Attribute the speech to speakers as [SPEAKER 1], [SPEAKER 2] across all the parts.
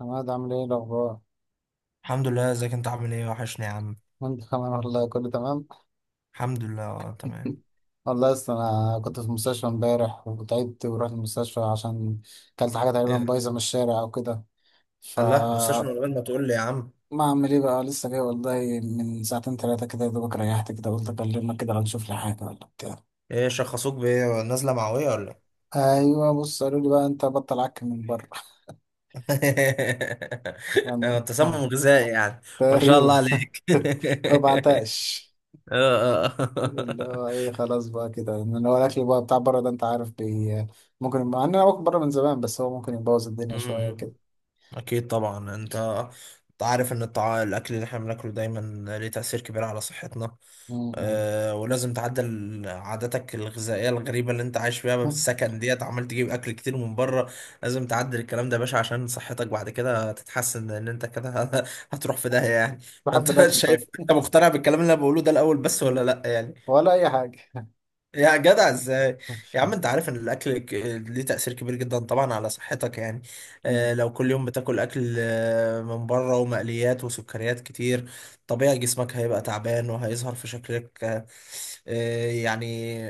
[SPEAKER 1] عماد، عامل ايه الاخبار؟
[SPEAKER 2] الحمد لله ازيك انت عامل ايه وحشني يا عم.
[SPEAKER 1] وانت كمان، والله كله تمام.
[SPEAKER 2] الحمد لله، تمام.
[SPEAKER 1] والله، اصل انا كنت في المستشفى امبارح وتعبت ورحت المستشفى عشان كلت حاجه تقريبا
[SPEAKER 2] ايه ده؟
[SPEAKER 1] بايظه من الشارع او كده. ف
[SPEAKER 2] قال لا مستشفى من غير ما تقول لي يا عم.
[SPEAKER 1] ما اعمل ايه بقى، لسه جاي والله من ساعتين ثلاثه كده، يا دوبك ريحت كده، قلت اكلمك كده لو نشوف لي حاجه ولا بتاع.
[SPEAKER 2] ايه شخصوك بايه؟ نازله معويه ولا
[SPEAKER 1] ايوه، بص، قالوا لي بقى انت بطل عك من بره.
[SPEAKER 2] ايه؟
[SPEAKER 1] يعني
[SPEAKER 2] تسمم غذائي يعني. ما شاء الله
[SPEAKER 1] تقريبا.
[SPEAKER 2] عليك.
[SPEAKER 1] ما بعتقش.
[SPEAKER 2] آه،
[SPEAKER 1] اللي
[SPEAKER 2] آه.
[SPEAKER 1] هو ايه، خلاص بقى كده، ان هو الاكل بقى بتاع بره ده انت عارف بي، ممكن، مع ان انا باكل بره من زمان، بس هو ممكن يبوظ
[SPEAKER 2] م-
[SPEAKER 1] الدنيا شويه كده.
[SPEAKER 2] م. اكيد طبعا. انت عارف ان الاكل اللي احنا بناكله دايما ليه تأثير كبير على صحتنا،
[SPEAKER 1] م-
[SPEAKER 2] أه، ولازم تعدل عاداتك الغذائية الغريبة اللي انت عايش فيها
[SPEAKER 1] م.
[SPEAKER 2] بالسكن ديت، عمال تجيب اكل كتير من بره. لازم تعدل الكلام ده يا باشا عشان صحتك بعد كده تتحسن ان انت كده هتروح في داهية يعني.
[SPEAKER 1] بحب
[SPEAKER 2] فانت
[SPEAKER 1] الاكل،
[SPEAKER 2] شايف
[SPEAKER 1] طيب.
[SPEAKER 2] انت مقتنع بالكلام اللي انا بقوله ده الاول بس، ولا لا يعني؟
[SPEAKER 1] ولا اي حاجه.
[SPEAKER 2] يا جدع ازاي! يا عم انت عارف ان الاكل ليه تأثير كبير جدا طبعا على صحتك يعني.
[SPEAKER 1] م-
[SPEAKER 2] اه لو كل يوم بتاكل اكل، من بره ومقليات وسكريات كتير، طبيعي جسمك هيبقى تعبان وهيظهر في شكلك، يعني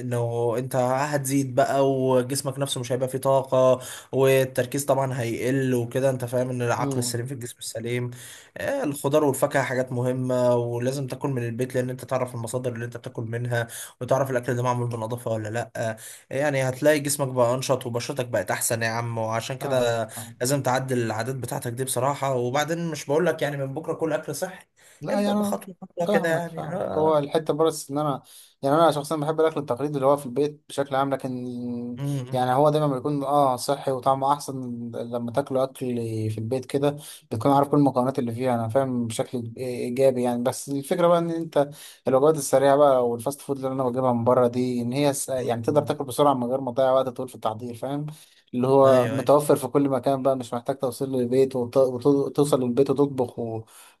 [SPEAKER 2] انه انت هتزيد بقى، وجسمك نفسه مش هيبقى فيه طاقة، والتركيز طبعا هيقل وكده. انت فاهم ان العقل
[SPEAKER 1] م.
[SPEAKER 2] السليم في الجسم السليم. الخضار والفاكهة حاجات مهمة، ولازم تاكل من البيت لان انت تعرف المصادر اللي انت بتاكل منها، وتعرف الاكل ده معمول بنظافه ولا لا. يعني هتلاقي جسمك بقى انشط وبشرتك بقت احسن يا عم، وعشان
[SPEAKER 1] فاهم
[SPEAKER 2] كده
[SPEAKER 1] فاهم.
[SPEAKER 2] لازم تعدل العادات بتاعتك دي بصراحه. وبعدين مش بقول لك يعني من بكره كل اكل صحي،
[SPEAKER 1] لا
[SPEAKER 2] ابدا،
[SPEAKER 1] يعني أنا
[SPEAKER 2] بخطوه خطوه كده
[SPEAKER 1] فاهمك
[SPEAKER 2] يعني،
[SPEAKER 1] فاهمك. هو
[SPEAKER 2] اه.
[SPEAKER 1] الحته بس ان انا، يعني انا شخصيا بحب الاكل التقليدي اللي هو في البيت بشكل عام. لكن يعني
[SPEAKER 2] امم،
[SPEAKER 1] هو دايما بيكون اه صحي وطعمه احسن لما تاكله، اكل في البيت كده بتكون عارف كل المكونات اللي فيها، انا فاهم، بشكل ايجابي يعني. بس الفكره بقى ان انت الوجبات السريعه بقى والفاست فود اللي انا بجيبها من بره دي، ان هي يعني تقدر تاكل بسرعه من غير ما تضيع وقت طويل في التحضير، فاهم، اللي هو
[SPEAKER 2] ايوه ايوه.
[SPEAKER 1] متوفر في كل مكان بقى، مش محتاج توصيل للبيت وتوصل للبيت وتطبخ.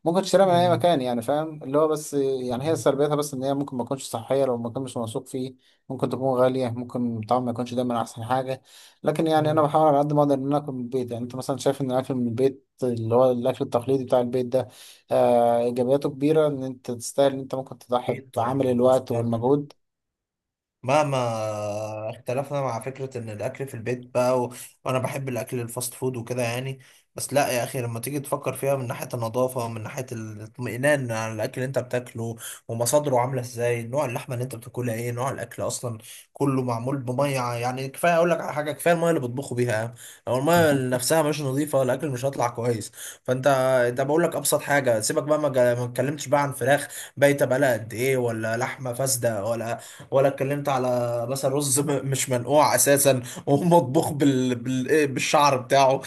[SPEAKER 1] ممكن تشتريها من اي
[SPEAKER 2] مم.
[SPEAKER 1] مكان، يعني فاهم، اللي هو بس يعني هي سلبيتها بس ان هي ممكن ما تكونش صحيه لو المكان مش موثوق فيه. ممكن تكون غاليه، ممكن الطعم ما يكونش دايما احسن حاجه. لكن يعني انا
[SPEAKER 2] مم.
[SPEAKER 1] بحاول على قد ما اقدر ان أنا اكل من البيت. يعني انت مثلا شايف ان الاكل من البيت اللي هو الاكل التقليدي بتاع البيت ده آه ايجابياته كبيره، ان انت تستاهل ان انت ممكن تضحي
[SPEAKER 2] اكيد طبعا.
[SPEAKER 1] بعمل
[SPEAKER 2] بص،
[SPEAKER 1] الوقت والمجهود.
[SPEAKER 2] مهما اختلفنا مع فكرة ان الاكل في البيت بقى وانا بحب الاكل الفاست فود وكده يعني، بس لا يا اخي، لما تيجي تفكر فيها من ناحية النظافة، ومن ناحية الاطمئنان على الاكل اللي انت بتاكله، ومصادره عاملة ازاي، نوع اللحمة اللي انت بتاكلها ايه، نوع الاكل اصلا، كله معمول بمية يعني. كفاية اقول لك على حاجة، كفاية المية اللي بيطبخوا بيها، لو المية نفسها مش نظيفة الاكل مش هيطلع كويس. فانت، انت بقول لك ابسط حاجة سيبك بقى، ما اتكلمتش بقى عن فراخ بايتة بقالها قد ايه، ولا لحمة فاسدة، ولا ولا اتكلمت على مثلا رز مش منقوع اساسا، ومطبوخ إيه، بالشعر بتاعه.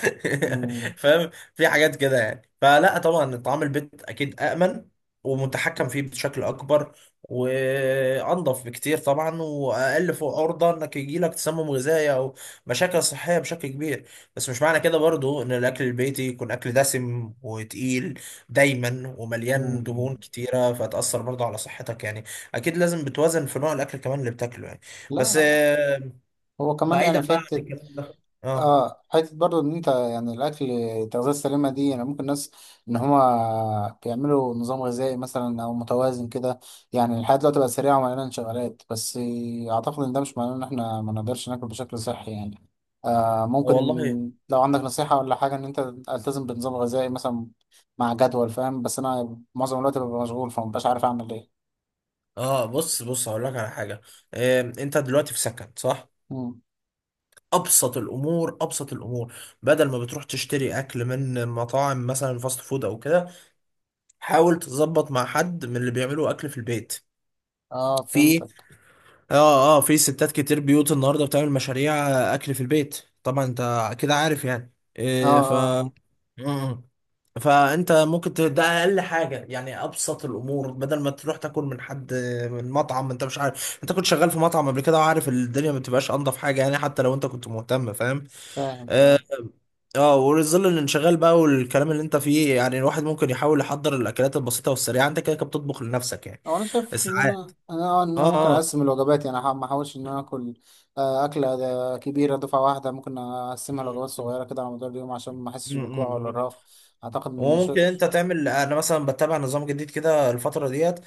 [SPEAKER 1] م-
[SPEAKER 2] فاهم؟ في حاجات كده يعني. فلا طبعا طعام البيت اكيد امن ومتحكم فيه بشكل اكبر، وانضف بكتير طبعا، واقل فوق عرضه انك يجي لك تسمم غذائي او مشاكل صحيه بشكل كبير. بس مش معنى كده برضو ان الاكل البيتي يكون اكل دسم وتقيل دايما
[SPEAKER 1] م-
[SPEAKER 2] ومليان دهون
[SPEAKER 1] م-
[SPEAKER 2] كتيره فتاثر برضو على صحتك يعني. اكيد لازم بتوازن في نوع الاكل كمان اللي بتاكله يعني. بس
[SPEAKER 1] لا، هو كمان
[SPEAKER 2] بعيدا
[SPEAKER 1] يعني
[SPEAKER 2] بقى عن
[SPEAKER 1] فكرة،
[SPEAKER 2] الكلام ده، اه آه
[SPEAKER 1] اه حته برضو ان انت يعني الاكل، التغذيه السليمه دي، يعني ممكن ناس ان هما بيعملوا نظام غذائي مثلا او متوازن كده. يعني الحياه دلوقتي بقت سريعه ومليانه انشغالات، بس اعتقد ان ده مش معناه ان احنا ما نقدرش ناكل بشكل صحي يعني. آه ممكن
[SPEAKER 2] والله،
[SPEAKER 1] لو عندك نصيحه ولا حاجه ان انت التزم بنظام غذائي مثلا، مع جدول، فاهم؟ بس انا معظم الوقت ببقى مشغول فمبقاش عارف اعمل ايه.
[SPEAKER 2] اه، بص بص، هقول لك على حاجه. انت دلوقتي في سكن صح؟
[SPEAKER 1] مم.
[SPEAKER 2] ابسط الامور، ابسط الامور، بدل ما بتروح تشتري اكل من مطاعم مثلا فاست فود او كده، حاول تظبط مع حد من اللي بيعملوا اكل في البيت.
[SPEAKER 1] اه،
[SPEAKER 2] في،
[SPEAKER 1] فهمتك.
[SPEAKER 2] اه اه، في ستات كتير بيوت النهارده بتعمل مشاريع اكل في البيت، طبعا انت كده عارف يعني
[SPEAKER 1] اه
[SPEAKER 2] إيه.
[SPEAKER 1] اه،
[SPEAKER 2] ف مم. فانت ممكن ده اقل حاجه يعني، ابسط الامور، بدل ما تروح تاكل من حد من مطعم انت مش عارف. انت كنت شغال في مطعم قبل كده وعارف الدنيا ما بتبقاش انضف حاجه يعني، حتى لو انت كنت مهتم، فاهم؟
[SPEAKER 1] فاهم
[SPEAKER 2] اه.
[SPEAKER 1] فاهم.
[SPEAKER 2] وظل الانشغال بقى والكلام اللي انت فيه يعني، الواحد ممكن يحاول يحضر الاكلات البسيطه والسريعه، انت كده كده بتطبخ لنفسك يعني
[SPEAKER 1] هو انا شايف ان
[SPEAKER 2] ساعات.
[SPEAKER 1] انا، ان انا ممكن
[SPEAKER 2] اه
[SPEAKER 1] اقسم الوجبات. يعني ما احاولش ان انا اكل اكله ده كبيره دفعه واحده، ممكن اقسمها
[SPEAKER 2] اه.
[SPEAKER 1] لوجبات صغيره كده على مدار اليوم عشان ما احسش بالجوع ولا
[SPEAKER 2] امم.
[SPEAKER 1] الرهق. اعتقد ان
[SPEAKER 2] وممكن
[SPEAKER 1] شو.
[SPEAKER 2] انت تعمل، انا مثلا بتبع نظام جديد كده الفتره ديت،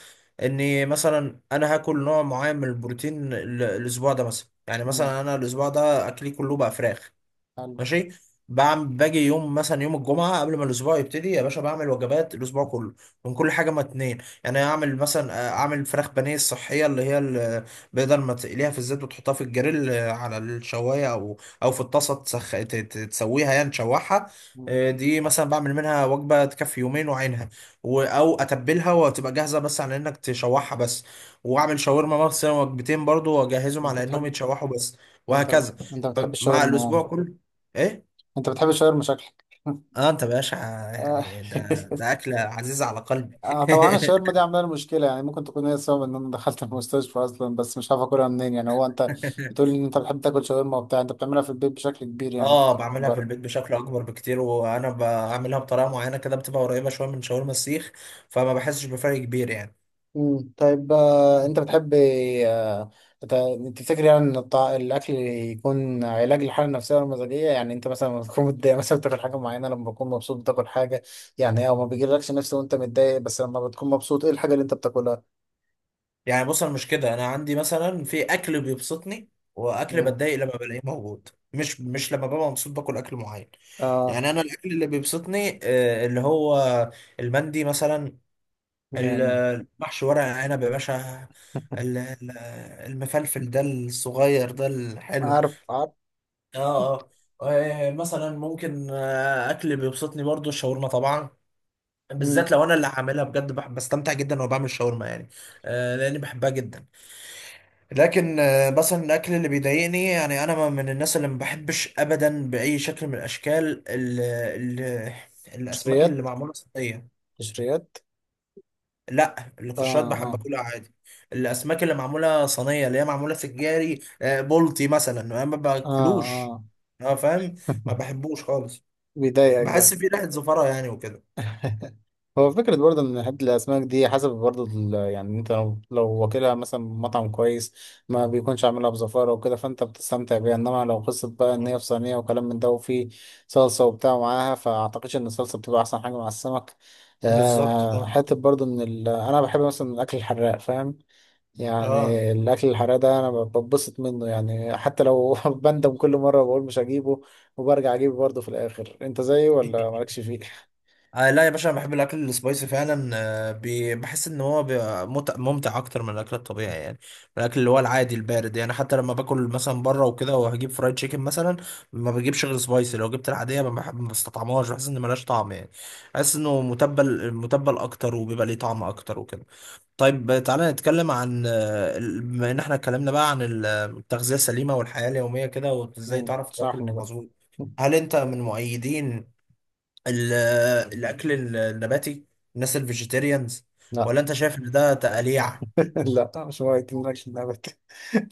[SPEAKER 2] اني مثلا انا هاكل نوع معين من البروتين الاسبوع ده مثلا، يعني
[SPEAKER 1] مم.
[SPEAKER 2] مثلا انا الاسبوع ده اكلي كله بقى فراخ.
[SPEAKER 1] حلو.
[SPEAKER 2] ماشي، بعمل باجي يوم مثلا، يوم الجمعه قبل ما الاسبوع يبتدي يا باشا بعمل وجبات الاسبوع كله، من كل حاجه ما اتنين. يعني اعمل مثلا، اعمل فراخ بانيه الصحيه اللي هي بدل ما تقليها في الزيت وتحطها في الجريل، على الشوايه، او او في الطاسه تسويها يعني، تشوحها.
[SPEAKER 1] مم.
[SPEAKER 2] دي مثلا بعمل منها وجبه تكفي يومين وعينها. او اتبلها وتبقى جاهزه بس على انك تشوحها بس. واعمل شاورما مثلا وجبتين برضو، واجهزهم
[SPEAKER 1] انت
[SPEAKER 2] على انهم
[SPEAKER 1] بتحب،
[SPEAKER 2] يتشوحوا بس،
[SPEAKER 1] انت
[SPEAKER 2] وهكذا
[SPEAKER 1] انت بتحب
[SPEAKER 2] مع
[SPEAKER 1] الشاورما يعني؟
[SPEAKER 2] الاسبوع كله. ايه؟
[SPEAKER 1] انت بتحب الشاورما شكلك.
[SPEAKER 2] اه، انت باشا
[SPEAKER 1] آه.
[SPEAKER 2] يعني، ده ده اكله عزيزه على قلبي.
[SPEAKER 1] طبعا الشاورما دي عامله لي مشكله. يعني ممكن تكون هي السبب ان انا دخلت المستشفى اصلا، بس مش عارف اكلها منين. يعني هو انت بتقول ان انت بتحب تاكل شاورما وبتاع، انت بتعملها في البيت بشكل كبير يعني،
[SPEAKER 2] اه،
[SPEAKER 1] بتاكلها من
[SPEAKER 2] بعملها في البيت
[SPEAKER 1] بره.
[SPEAKER 2] بشكل اكبر بكتير، وانا بعملها بطريقه معينه كده بتبقى قريبه شويه من شاورما السيخ، فما بحسش بفرق كبير يعني.
[SPEAKER 1] مم. طيب، انت بتحب، آه، تفتكر يعني ان الاكل يكون علاج للحاله النفسيه والمزاجيه؟ يعني انت مثلا لما تكون متضايق مثلا بتاكل حاجه معينه، لما بتكون مبسوط بتاكل حاجه. يعني او ما بيجيلكش نفس وانت متضايق، بس لما بتكون مبسوط ايه الحاجه اللي انت بتاكلها؟
[SPEAKER 2] يعني بص، انا مش كده، انا عندي مثلا في اكل بيبسطني، واكل
[SPEAKER 1] مم.
[SPEAKER 2] بتضايق لما بلاقيه موجود، مش لما ببقى مبسوط باكل اكل معين.
[SPEAKER 1] اه.
[SPEAKER 2] يعني انا الاكل اللي بيبسطني، اللي هو المندي مثلا،
[SPEAKER 1] جامد.
[SPEAKER 2] المحشي ورق عنب يا باشا، ال- ال- المفلفل ده الصغير ده الحلو.
[SPEAKER 1] عارف عارف.
[SPEAKER 2] اه اه. مثلا ممكن، اكل بيبسطني برضو الشاورما طبعا،
[SPEAKER 1] مم.
[SPEAKER 2] بالذات لو انا اللي هعملها بجد، بستمتع جدا وانا بعمل شاورما يعني. لاني بحبها جدا. لكن مثلا الاكل اللي بيضايقني، يعني انا من الناس اللي ما بحبش ابدا باي شكل من الاشكال ال ال الاسماك
[SPEAKER 1] قشريات
[SPEAKER 2] اللي معموله صينيه.
[SPEAKER 1] قشريات.
[SPEAKER 2] لا
[SPEAKER 1] اه
[SPEAKER 2] القشرات بحب
[SPEAKER 1] اه.
[SPEAKER 2] اكلها عادي، الاسماك اللي معموله صينيه اللي هي معموله في الجاري، بلطي مثلا انا ما
[SPEAKER 1] اه
[SPEAKER 2] باكلوش.
[SPEAKER 1] اه.
[SPEAKER 2] اه، فاهم، ما بحبوش خالص،
[SPEAKER 1] بيضايقك ده.
[SPEAKER 2] بحس فيه ريحه زفره يعني وكده.
[SPEAKER 1] هو فكرة برضه إن حتة الأسماك دي حسب برضه يعني، أنت لو واكلها مثلا من مطعم كويس ما بيكونش عاملها بزفارة وكده فأنت بتستمتع بيها. إنما لو قصة بقى إن
[SPEAKER 2] آه.
[SPEAKER 1] هي في صينية وكلام من ده، وفي صلصة وبتاع معاها، فأعتقدش إن الصلصة بتبقى أحسن حاجة مع السمك.
[SPEAKER 2] بالظبط اه.
[SPEAKER 1] حتة برضه إن أنا بحب مثلا الأكل الحراق، فاهم؟
[SPEAKER 2] اه
[SPEAKER 1] يعني الأكل الحراق ده أنا ببسط منه، يعني حتى لو بندم كل مرة بقول مش هجيبه، وبرجع أجيبه برضه في الآخر. أنت زيي ولا مالكش فيه؟
[SPEAKER 2] آه، لا يا باشا، انا بحب الاكل السبايسي فعلا، آه، بحس ان هو بيبقى ممتع اكتر من الاكل الطبيعي يعني، الاكل اللي هو العادي البارد يعني. حتى لما باكل مثلا بره وكده وهجيب فرايد تشيكن مثلا، ما بجيبش غير سبايسي. لو جبت العاديه ما بحب، ما بستطعمهاش، بحس ان ملهاش طعم يعني، بحس انه متبل، متبل اكتر وبيبقى ليه طعم اكتر وكده. طيب تعالى نتكلم عن بما ان احنا اتكلمنا بقى عن التغذيه السليمه والحياه اليوميه كده، وازاي
[SPEAKER 1] مم.
[SPEAKER 2] تعرف
[SPEAKER 1] صح
[SPEAKER 2] تاكل
[SPEAKER 1] بقى.
[SPEAKER 2] مظبوط. هل انت من مؤيدين ال- الاكل النباتي، الناس الفيجيتيريانز،
[SPEAKER 1] لا.
[SPEAKER 2] ولا انت شايف ان ده تقليع؟
[SPEAKER 1] لا، مش هو يتم لك اللعبة.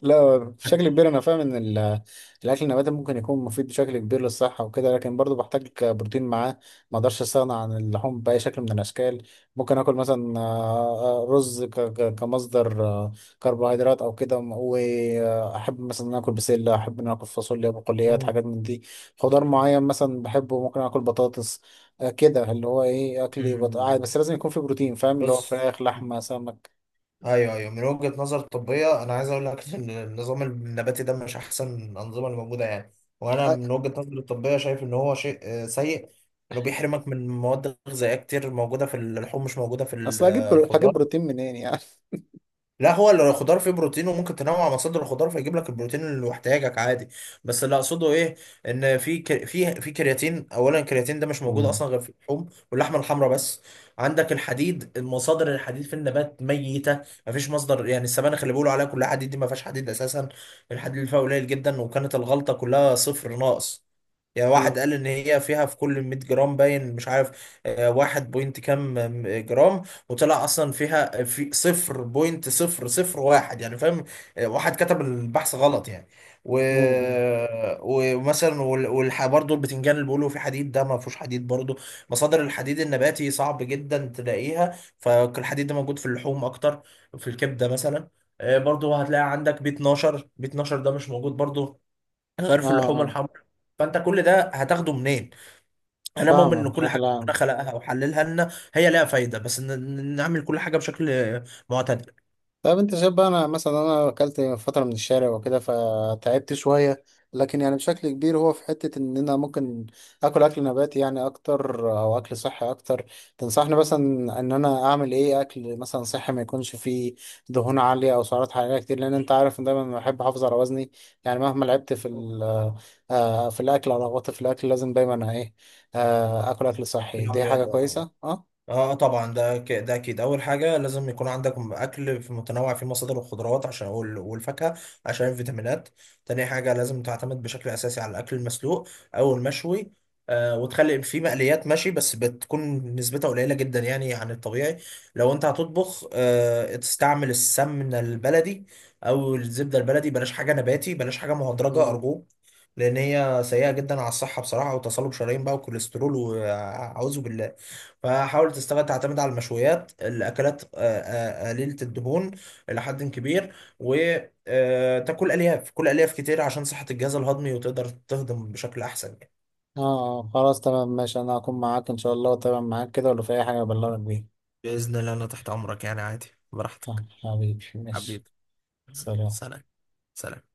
[SPEAKER 1] لا، بشكل كبير انا فاهم ان الاكل النباتي ممكن يكون مفيد بشكل كبير للصحه وكده، لكن برضو بحتاج بروتين معاه. ما اقدرش استغنى عن اللحوم باي شكل من الاشكال. ممكن اكل مثلا رز كمصدر كربوهيدرات او كده، واحب مثلا ان أنا اكل بسله، احب ان أنا اكل فاصوليا، بقوليات،
[SPEAKER 2] مم.
[SPEAKER 1] حاجات من دي. خضار معين مثلا بحبه، ممكن اكل بطاطس، كده اللي هو ايه، اكلي عادي.
[SPEAKER 2] مم،
[SPEAKER 1] بس لازم يكون في بروتين، فاهم، اللي هو
[SPEAKER 2] بص،
[SPEAKER 1] فراخ لحمه سمك.
[SPEAKER 2] ايوه ايوه، من وجهة نظر طبية انا عايز اقول لك ان النظام النباتي ده مش احسن الانظمة اللي موجودة يعني، وانا
[SPEAKER 1] آه،
[SPEAKER 2] من وجهة نظري الطبية شايف ان هو شيء سيء، انه بيحرمك من مواد غذائية كتير موجودة في اللحوم مش موجودة في
[SPEAKER 1] اصل هجيب هجيب
[SPEAKER 2] الخضار.
[SPEAKER 1] بروتين منين يعني.
[SPEAKER 2] لا، هو اللي الخضار فيه بروتين، وممكن تنوع مصادر الخضار فيجيب لك البروتين اللي محتاجك عادي، بس اللي اقصده ايه؟ ان في ك- في في كرياتين، اولا الكرياتين ده مش موجود
[SPEAKER 1] مم.
[SPEAKER 2] اصلا غير في اللحوم واللحمه الحمراء بس. عندك الحديد، مصادر الحديد في النبات ميته، مفيش مصدر يعني. السبانخ اللي بيقولوا عليها كلها حديد دي ما فيهاش حديد اساسا، الحديد اللي فيها قليل جدا، وكانت الغلطه كلها صفر ناقص يعني.
[SPEAKER 1] مم.
[SPEAKER 2] واحد قال ان هي فيها في كل 100 جرام، باين مش عارف، واحد بوينت كام جرام، وطلع اصلا فيها في صفر بوينت صفر صفر واحد، يعني فاهم؟ واحد كتب البحث غلط يعني. و...
[SPEAKER 1] مم.
[SPEAKER 2] ومثلا برضه البتنجان اللي بيقولوا فيه حديد ده ما فيهوش حديد برضه. مصادر الحديد النباتي صعب جدا تلاقيها، فالحديد ده موجود في اللحوم اكتر، في الكبده مثلا. برضه هتلاقي عندك بي 12، بي 12 ده مش موجود برضه غير
[SPEAKER 1] اه
[SPEAKER 2] في اللحوم
[SPEAKER 1] اه.
[SPEAKER 2] الحمراء. فانت كل ده هتاخده منين؟ انا مؤمن
[SPEAKER 1] فاهمك
[SPEAKER 2] ان كل حاجه
[SPEAKER 1] بشكل عام.
[SPEAKER 2] ربنا خلقها وحللها لنا هي لها فايده، بس إن نعمل كل حاجه بشكل معتدل.
[SPEAKER 1] طيب انت شايف بقى، انا مثلا انا اكلت فتره من الشارع وكده فتعبت شويه، لكن يعني بشكل كبير هو في حته ان انا ممكن اكل، اكل نباتي يعني اكتر، او اكل صحي اكتر. تنصحني مثلا ان انا اعمل ايه؟ اكل مثلا صحي ما يكونش فيه دهون عاليه او سعرات حراريه كتير، لان انت عارف ان دايما بحب احافظ على وزني. يعني مهما لعبت في في الاكل او رغبت في الاكل لازم دايما ايه، اكل اكل صحي
[SPEAKER 2] تلعب
[SPEAKER 1] دي حاجه
[SPEAKER 2] رياضه، اه،
[SPEAKER 1] كويسه.
[SPEAKER 2] طبعا ده ده اكيد اول حاجه. لازم يكون عندك اكل في متنوع فيه مصادر الخضروات عشان والفاكهه، عشان الفيتامينات. تاني حاجه لازم تعتمد بشكل اساسي على الاكل المسلوق او المشوي، آه، وتخلي فيه مقليات ماشي، بس بتكون نسبتها قليله جدا يعني عن الطبيعي. لو انت هتطبخ، آه، تستعمل السمنه البلدي او الزبده البلدي، بلاش حاجه نباتي، بلاش حاجه مهدرجه
[SPEAKER 1] اه
[SPEAKER 2] ارجوك، لان هي سيئه جدا على الصحه بصراحه، وتصلب شرايين بقى وكوليسترول، وأعوذ بالله. فحاول تستغل، تعتمد على المشويات، الاكلات قليله الدهون الى حد كبير، وتاكل الياف، كل الياف كتير عشان صحه الجهاز الهضمي، وتقدر تهضم بشكل احسن يعني.
[SPEAKER 1] اه، خلاص تمام ماشي. انا هكون معاك ان شاء الله، وتمام معاك كده، ولو في اي حاجة ابلغك بيها.
[SPEAKER 2] بإذن الله أنا تحت أمرك يعني، عادي براحتك.
[SPEAKER 1] حبيبي، ماشي.
[SPEAKER 2] حبيبي.
[SPEAKER 1] سلام.
[SPEAKER 2] سلام. سلام.